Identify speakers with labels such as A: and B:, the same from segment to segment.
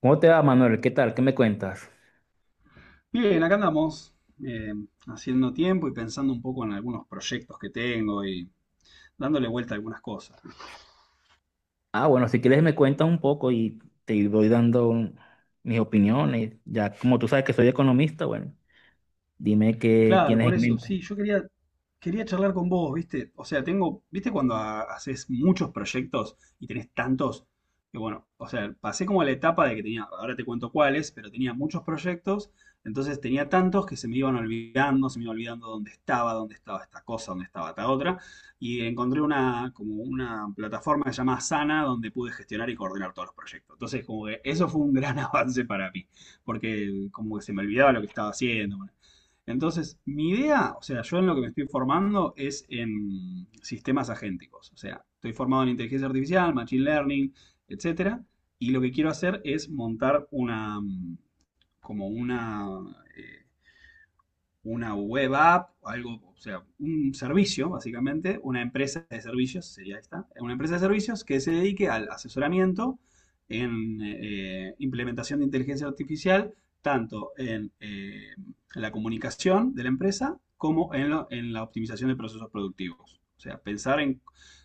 A: ¿Cómo te va, Manuel? ¿Qué tal? ¿Qué me cuentas?
B: Bien, acá andamos, eh, haciendo tiempo y pensando un poco en algunos proyectos que tengo y dándole vuelta a algunas cosas.
A: Ah, bueno, si quieres me cuentas un poco y te voy dando mis opiniones. Ya como tú sabes que soy economista, bueno, dime qué
B: Claro,
A: tienes
B: por
A: en
B: eso,
A: mente.
B: sí, quería charlar con vos, ¿viste? O sea, tengo, ¿viste cuando haces muchos proyectos y tenés tantos? Que bueno, o sea, pasé como la etapa de que tenía, ahora te cuento cuáles, pero tenía muchos proyectos, entonces tenía tantos que se me iban olvidando, se me iba olvidando dónde estaba esta cosa, dónde estaba esta otra, y encontré una, como una plataforma llamada Sana donde pude gestionar y coordinar todos los proyectos. Entonces, como que eso fue un gran avance para mí, porque como que se me olvidaba lo que estaba haciendo. Bueno, entonces, mi idea, o sea, yo en lo que me estoy formando es en sistemas agénticos. O sea, estoy formado en inteligencia artificial, machine learning, etcétera. Y lo que quiero hacer es montar como eh, una web app, algo, o sea, un servicio, básicamente, una empresa de servicios, sería esta, una empresa de servicios que se dedique al asesoramiento en implementación de inteligencia artificial, tanto en la comunicación de la empresa como en, en la optimización de procesos productivos. O sea, pensar en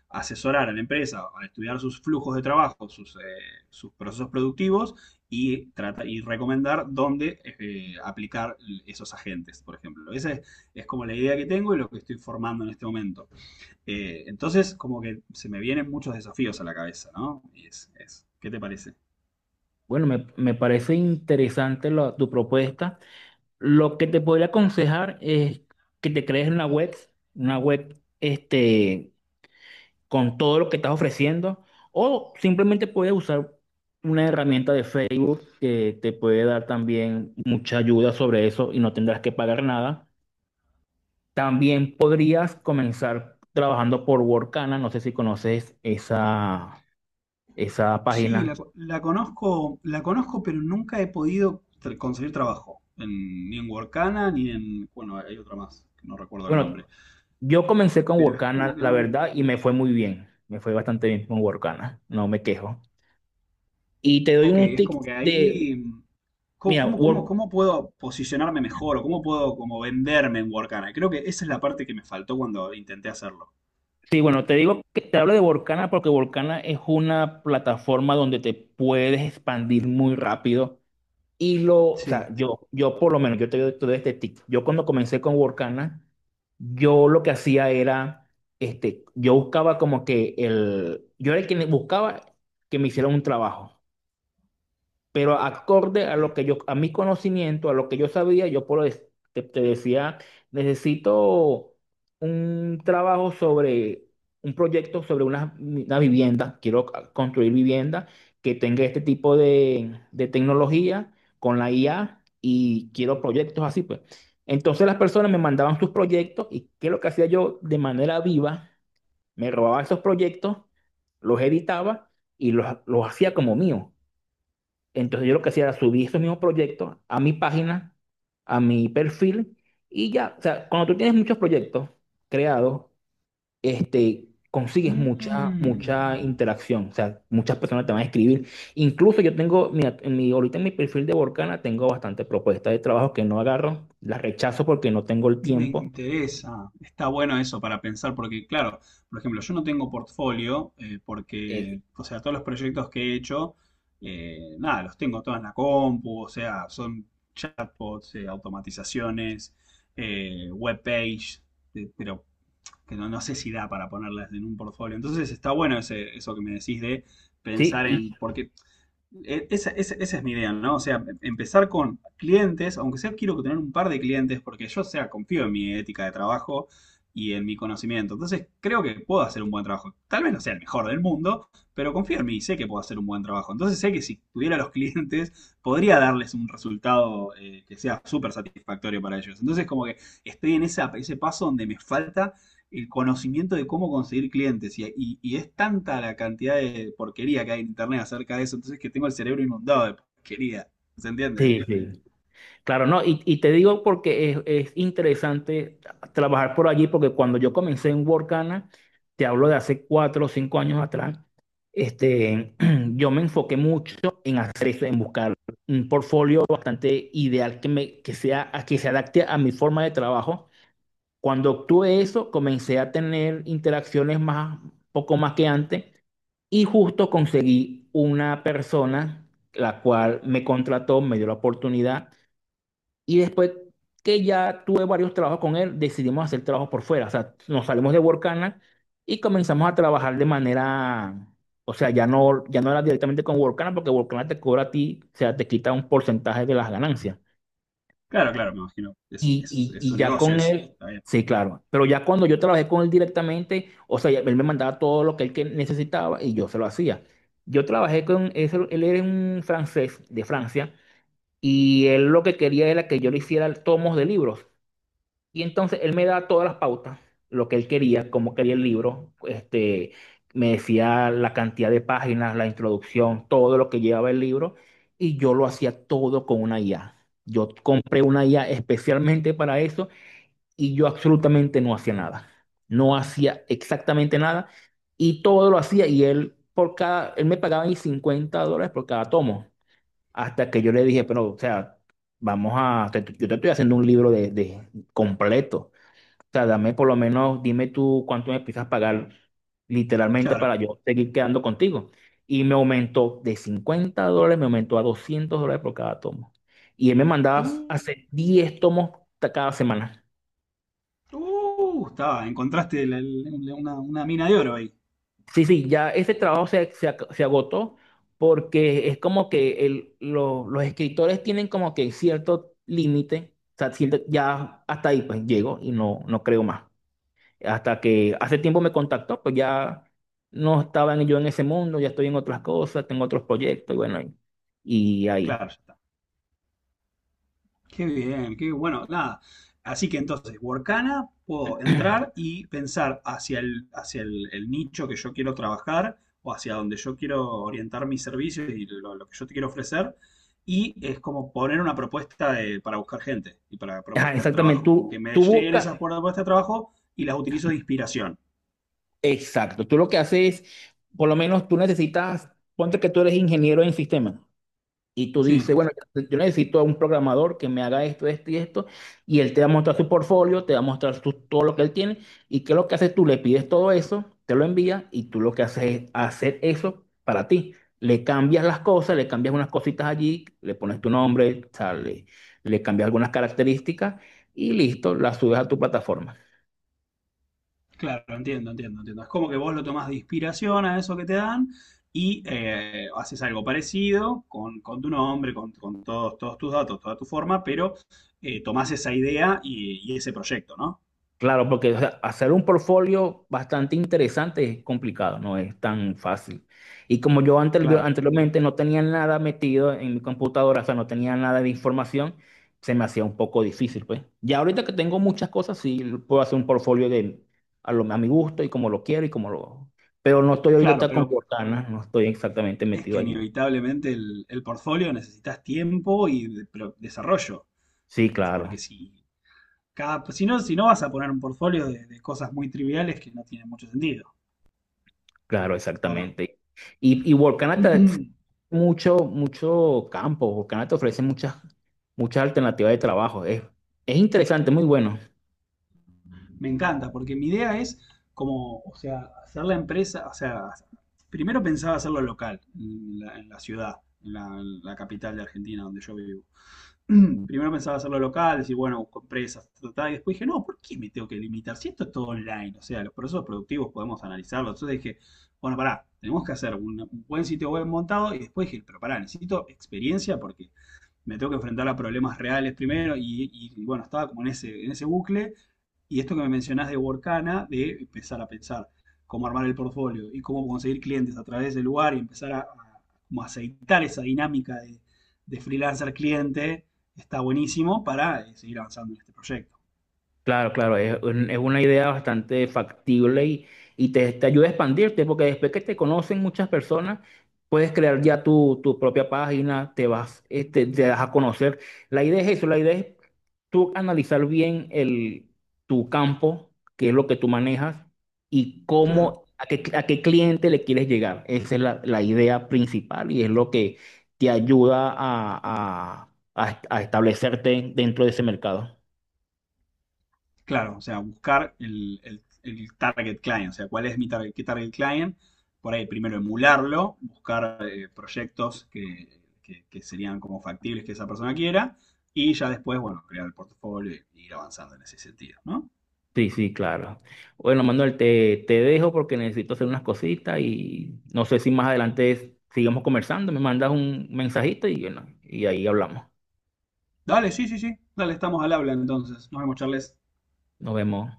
B: asesorar a la empresa, a estudiar sus flujos de trabajo, sus, sus procesos productivos y, trata, y recomendar dónde aplicar esos agentes, por ejemplo. Esa es como la idea que tengo y lo que estoy formando en este momento. Entonces, como que se me vienen muchos desafíos a la cabeza, ¿no? Y ¿qué te parece?
A: Bueno, me parece interesante tu propuesta. Lo que te podría aconsejar es que te crees una web con todo lo que estás ofreciendo, o simplemente puedes usar una herramienta de Facebook que te puede dar también mucha ayuda sobre eso y no tendrás que pagar nada. También podrías comenzar trabajando por Workana, no sé si conoces esa, esa
B: Sí,
A: página.
B: la conozco, la conozco, pero nunca he podido conseguir trabajo. En, ni en Workana, ni en... Bueno, hay otra más, que no recuerdo el nombre.
A: Bueno, yo comencé con
B: Pero es
A: Workana,
B: como que
A: la
B: no.
A: verdad, y me fue muy bien. Me fue bastante bien con Workana, no me quejo. Y te doy
B: Ok,
A: un
B: es
A: tip
B: como que
A: de,
B: ahí, ¿cómo,
A: mira,
B: cómo puedo posicionarme mejor o cómo puedo como venderme en Workana? Creo que esa es la parte que me faltó cuando intenté hacerlo.
A: Sí, bueno, te digo que te hablo de Volcana porque Volcana es una plataforma donde te puedes expandir muy rápido. Y lo, o sea,
B: Sí.
A: yo por lo menos, yo te doy todo este tip. Yo cuando comencé con Volcana, yo lo que hacía era, yo buscaba como que el, yo era el que buscaba que me hicieran un trabajo pero acorde a lo
B: Sí.
A: que yo, a mi conocimiento, a lo que yo sabía, yo te decía, necesito un trabajo sobre un proyecto sobre una vivienda, quiero construir vivienda que tenga este tipo de tecnología con la IA y quiero proyectos así, pues. Entonces las personas me mandaban sus proyectos y qué es lo que hacía yo de manera viva, me robaba esos proyectos, los editaba y los hacía como mío. Entonces yo lo que hacía era subir esos mismos proyectos a mi página, a mi perfil y ya, o sea, cuando tú tienes muchos proyectos creados, consigues mucha,
B: Mm,
A: mucha interacción, o sea, muchas personas te van a escribir. Incluso yo tengo, mira, en mi, ahorita en mi perfil de Borcana tengo bastantes propuestas de trabajo que no agarro, las rechazo porque no tengo el
B: me
A: tiempo.
B: interesa. Está bueno eso para pensar porque, claro, por ejemplo, yo no tengo portfolio, porque,
A: Eh,
B: o sea, todos los proyectos que he hecho, nada, los tengo todos en la compu, o sea, son chatbots, automatizaciones, webpage, pero que no, no sé si da para ponerlas en un portfolio. Entonces está bueno ese, eso que me decís de
A: sí,
B: pensar
A: y-
B: en, porque esa, esa es mi idea, ¿no? O sea, em, empezar con clientes, aunque sea quiero tener un par de clientes, porque yo, o sea, confío en mi ética de trabajo y en mi conocimiento. Entonces creo que puedo hacer un buen trabajo. Tal vez no sea el mejor del mundo, pero confío en mí y sé que puedo hacer un buen trabajo. Entonces sé que si tuviera los clientes, podría darles un resultado, que sea súper satisfactorio para ellos. Entonces como que estoy en esa, ese paso donde me falta el conocimiento de cómo conseguir clientes. Y es tanta la cantidad de porquería que hay en internet acerca de eso, entonces que tengo el cerebro inundado de porquería. ¿Se entiende?
A: sí, sí. Claro, no, y te digo porque es interesante trabajar por allí, porque cuando yo comencé en Workana, te hablo de hace 4 o 5 años atrás, este, yo me enfoqué mucho en hacer eso, en buscar un portfolio bastante ideal que, me, que, sea, que se adapte a mi forma de trabajo. Cuando obtuve eso, comencé a tener interacciones más, poco más que antes, y justo conseguí una persona la cual me contrató, me dio la oportunidad y después que ya tuve varios trabajos con él, decidimos hacer trabajos por fuera. O sea, nos salimos de Workana y comenzamos a trabajar de manera, o sea, ya no, ya no era directamente con Workana porque Workana te cobra a ti, o sea, te quita un porcentaje de las ganancias.
B: Claro, claro, me imagino.
A: Y, y,
B: Es su
A: y ya
B: negocio
A: con
B: ese.
A: él,
B: Está bien.
A: sí, claro. Pero ya cuando yo trabajé con él directamente, o sea, ya él me mandaba todo lo que él que necesitaba y yo se lo hacía. Yo trabajé con él era un francés de Francia y él lo que quería era que yo le hiciera tomos de libros. Y entonces él me da todas las pautas, lo que él quería, cómo quería el libro, me decía la cantidad de páginas, la introducción, todo lo que llevaba el libro, y yo lo hacía todo con una IA. Yo compré una IA especialmente para eso y yo absolutamente no hacía nada. No hacía exactamente nada y todo lo hacía y él por cada, él me pagaba mis $50 por cada tomo, hasta que yo le dije, pero, o sea, vamos a, yo te estoy haciendo un libro de completo sea, dame por lo menos, dime tú cuánto me empiezas a pagar literalmente para
B: Claro.
A: yo seguir quedando contigo. Y me aumentó de $50, me aumentó a $200 por cada tomo. Y él me mandaba
B: Uh,
A: a hacer 10 tomos cada semana.
B: estaba, encontraste una mina de oro ahí.
A: Sí, sí, ya ese trabajo se agotó porque es como que los escritores tienen como que cierto límite, o sea, ya hasta ahí pues llego y no, no creo más. Hasta que hace tiempo me contactó, pues ya no yo en ese mundo, ya estoy en otras cosas, tengo otros proyectos, y bueno, y ahí.
B: Claro, ya. Qué bien, qué bueno, nada. Así que entonces, Workana, puedo entrar y pensar hacia el nicho que yo quiero trabajar o hacia donde yo quiero orientar mis servicios y lo que yo te quiero ofrecer. Y es como poner una propuesta para buscar gente y para
A: Ajá,
B: propuestas de
A: exactamente,
B: trabajo. Que
A: tú,
B: me
A: tú
B: lleguen
A: buscas,
B: esas propuestas de trabajo y las utilizo de inspiración.
A: exacto, tú lo que haces, por lo menos tú necesitas, ponte que tú eres ingeniero en sistemas. Y tú dices,
B: Sí.
A: bueno, yo necesito a un programador que me haga esto, esto y esto. Y él te va a mostrar su portfolio, te va a mostrar todo lo que él tiene. ¿Y qué es lo que haces tú? Le pides todo eso, te lo envía y tú lo que haces es hacer eso para ti. Le cambias las cosas, le cambias unas cositas allí, le pones tu nombre, o sea, le cambias algunas características y listo, la subes a tu plataforma.
B: Claro, entiendo, entiendo, entiendo. Es como que vos lo tomás de inspiración a eso que te dan y haces algo parecido con tu nombre, con todos, todos tus datos, toda tu forma, pero tomás esa idea y ese proyecto, ¿no?
A: Claro, porque o sea, hacer un portfolio bastante interesante es complicado, no es tan fácil. Y como yo
B: Claro,
A: anteriormente no tenía nada metido en mi computadora, o sea, no tenía nada de información, se me hacía un poco difícil, pues. Ya ahorita que tengo muchas cosas, sí puedo hacer un portfolio de, a mi gusto y como lo quiero y como lo... Pero no estoy
B: claro,
A: ahorita con
B: pero
A: Workana, no estoy exactamente
B: es
A: metido
B: que
A: allí.
B: inevitablemente el portfolio necesitas tiempo pero desarrollo,
A: Sí, claro,
B: porque si, cada, si no, si no vas a poner un portfolio de cosas muy triviales que no tienen mucho sentido,
A: claro,
B: ¿o no?
A: exactamente. Y Workana te, mucho, mucho campo. Workana te ofrece muchas, muchas alternativas de trabajo. Es interesante, muy bueno.
B: Me encanta, porque mi idea es como, o sea, hacer la empresa, o sea, primero pensaba hacerlo local, en la ciudad, en la capital de Argentina, donde yo vivo. Primero pensaba hacerlo local, decir, bueno, busco empresas, ta, y después dije, no, ¿por qué me tengo que limitar? Si esto es todo online, o sea, los procesos productivos podemos analizarlos. Entonces dije, bueno, pará, tenemos que hacer un buen sitio web montado y después dije, pero pará, necesito experiencia porque me tengo que enfrentar a problemas reales primero y bueno, estaba como en ese bucle y esto que me mencionás de Workana, de empezar a pensar cómo armar el portfolio y cómo conseguir clientes a través del lugar y empezar a como aceitar esa dinámica de freelancer cliente, está buenísimo para, seguir avanzando en este proyecto.
A: Claro, claro, es, es una idea bastante factible y te ayuda a expandirte, porque después que te conocen muchas personas, puedes crear ya tu propia página, te vas, te das a conocer. La idea es eso, la idea es tú analizar bien el, tu campo, qué es lo que tú manejas y
B: Claro.
A: cómo, a qué cliente le quieres llegar. Esa es la, la idea principal y es lo que te ayuda a establecerte dentro de ese mercado.
B: Claro, o sea, buscar el target client, o sea, cuál es mi target, qué target client, por ahí primero emularlo, buscar, proyectos que, que serían como factibles que esa persona quiera, y ya después, bueno, crear el portafolio y ir avanzando en ese sentido, ¿no?
A: Sí, sí, claro. Bueno, Manuel, te dejo porque necesito hacer unas cositas y no sé si más adelante sigamos conversando. Me mandas un mensajito y, bueno, y ahí hablamos.
B: Dale, sí, sí, sí, dale, estamos al habla entonces, nos vemos, Charles.
A: Nos vemos.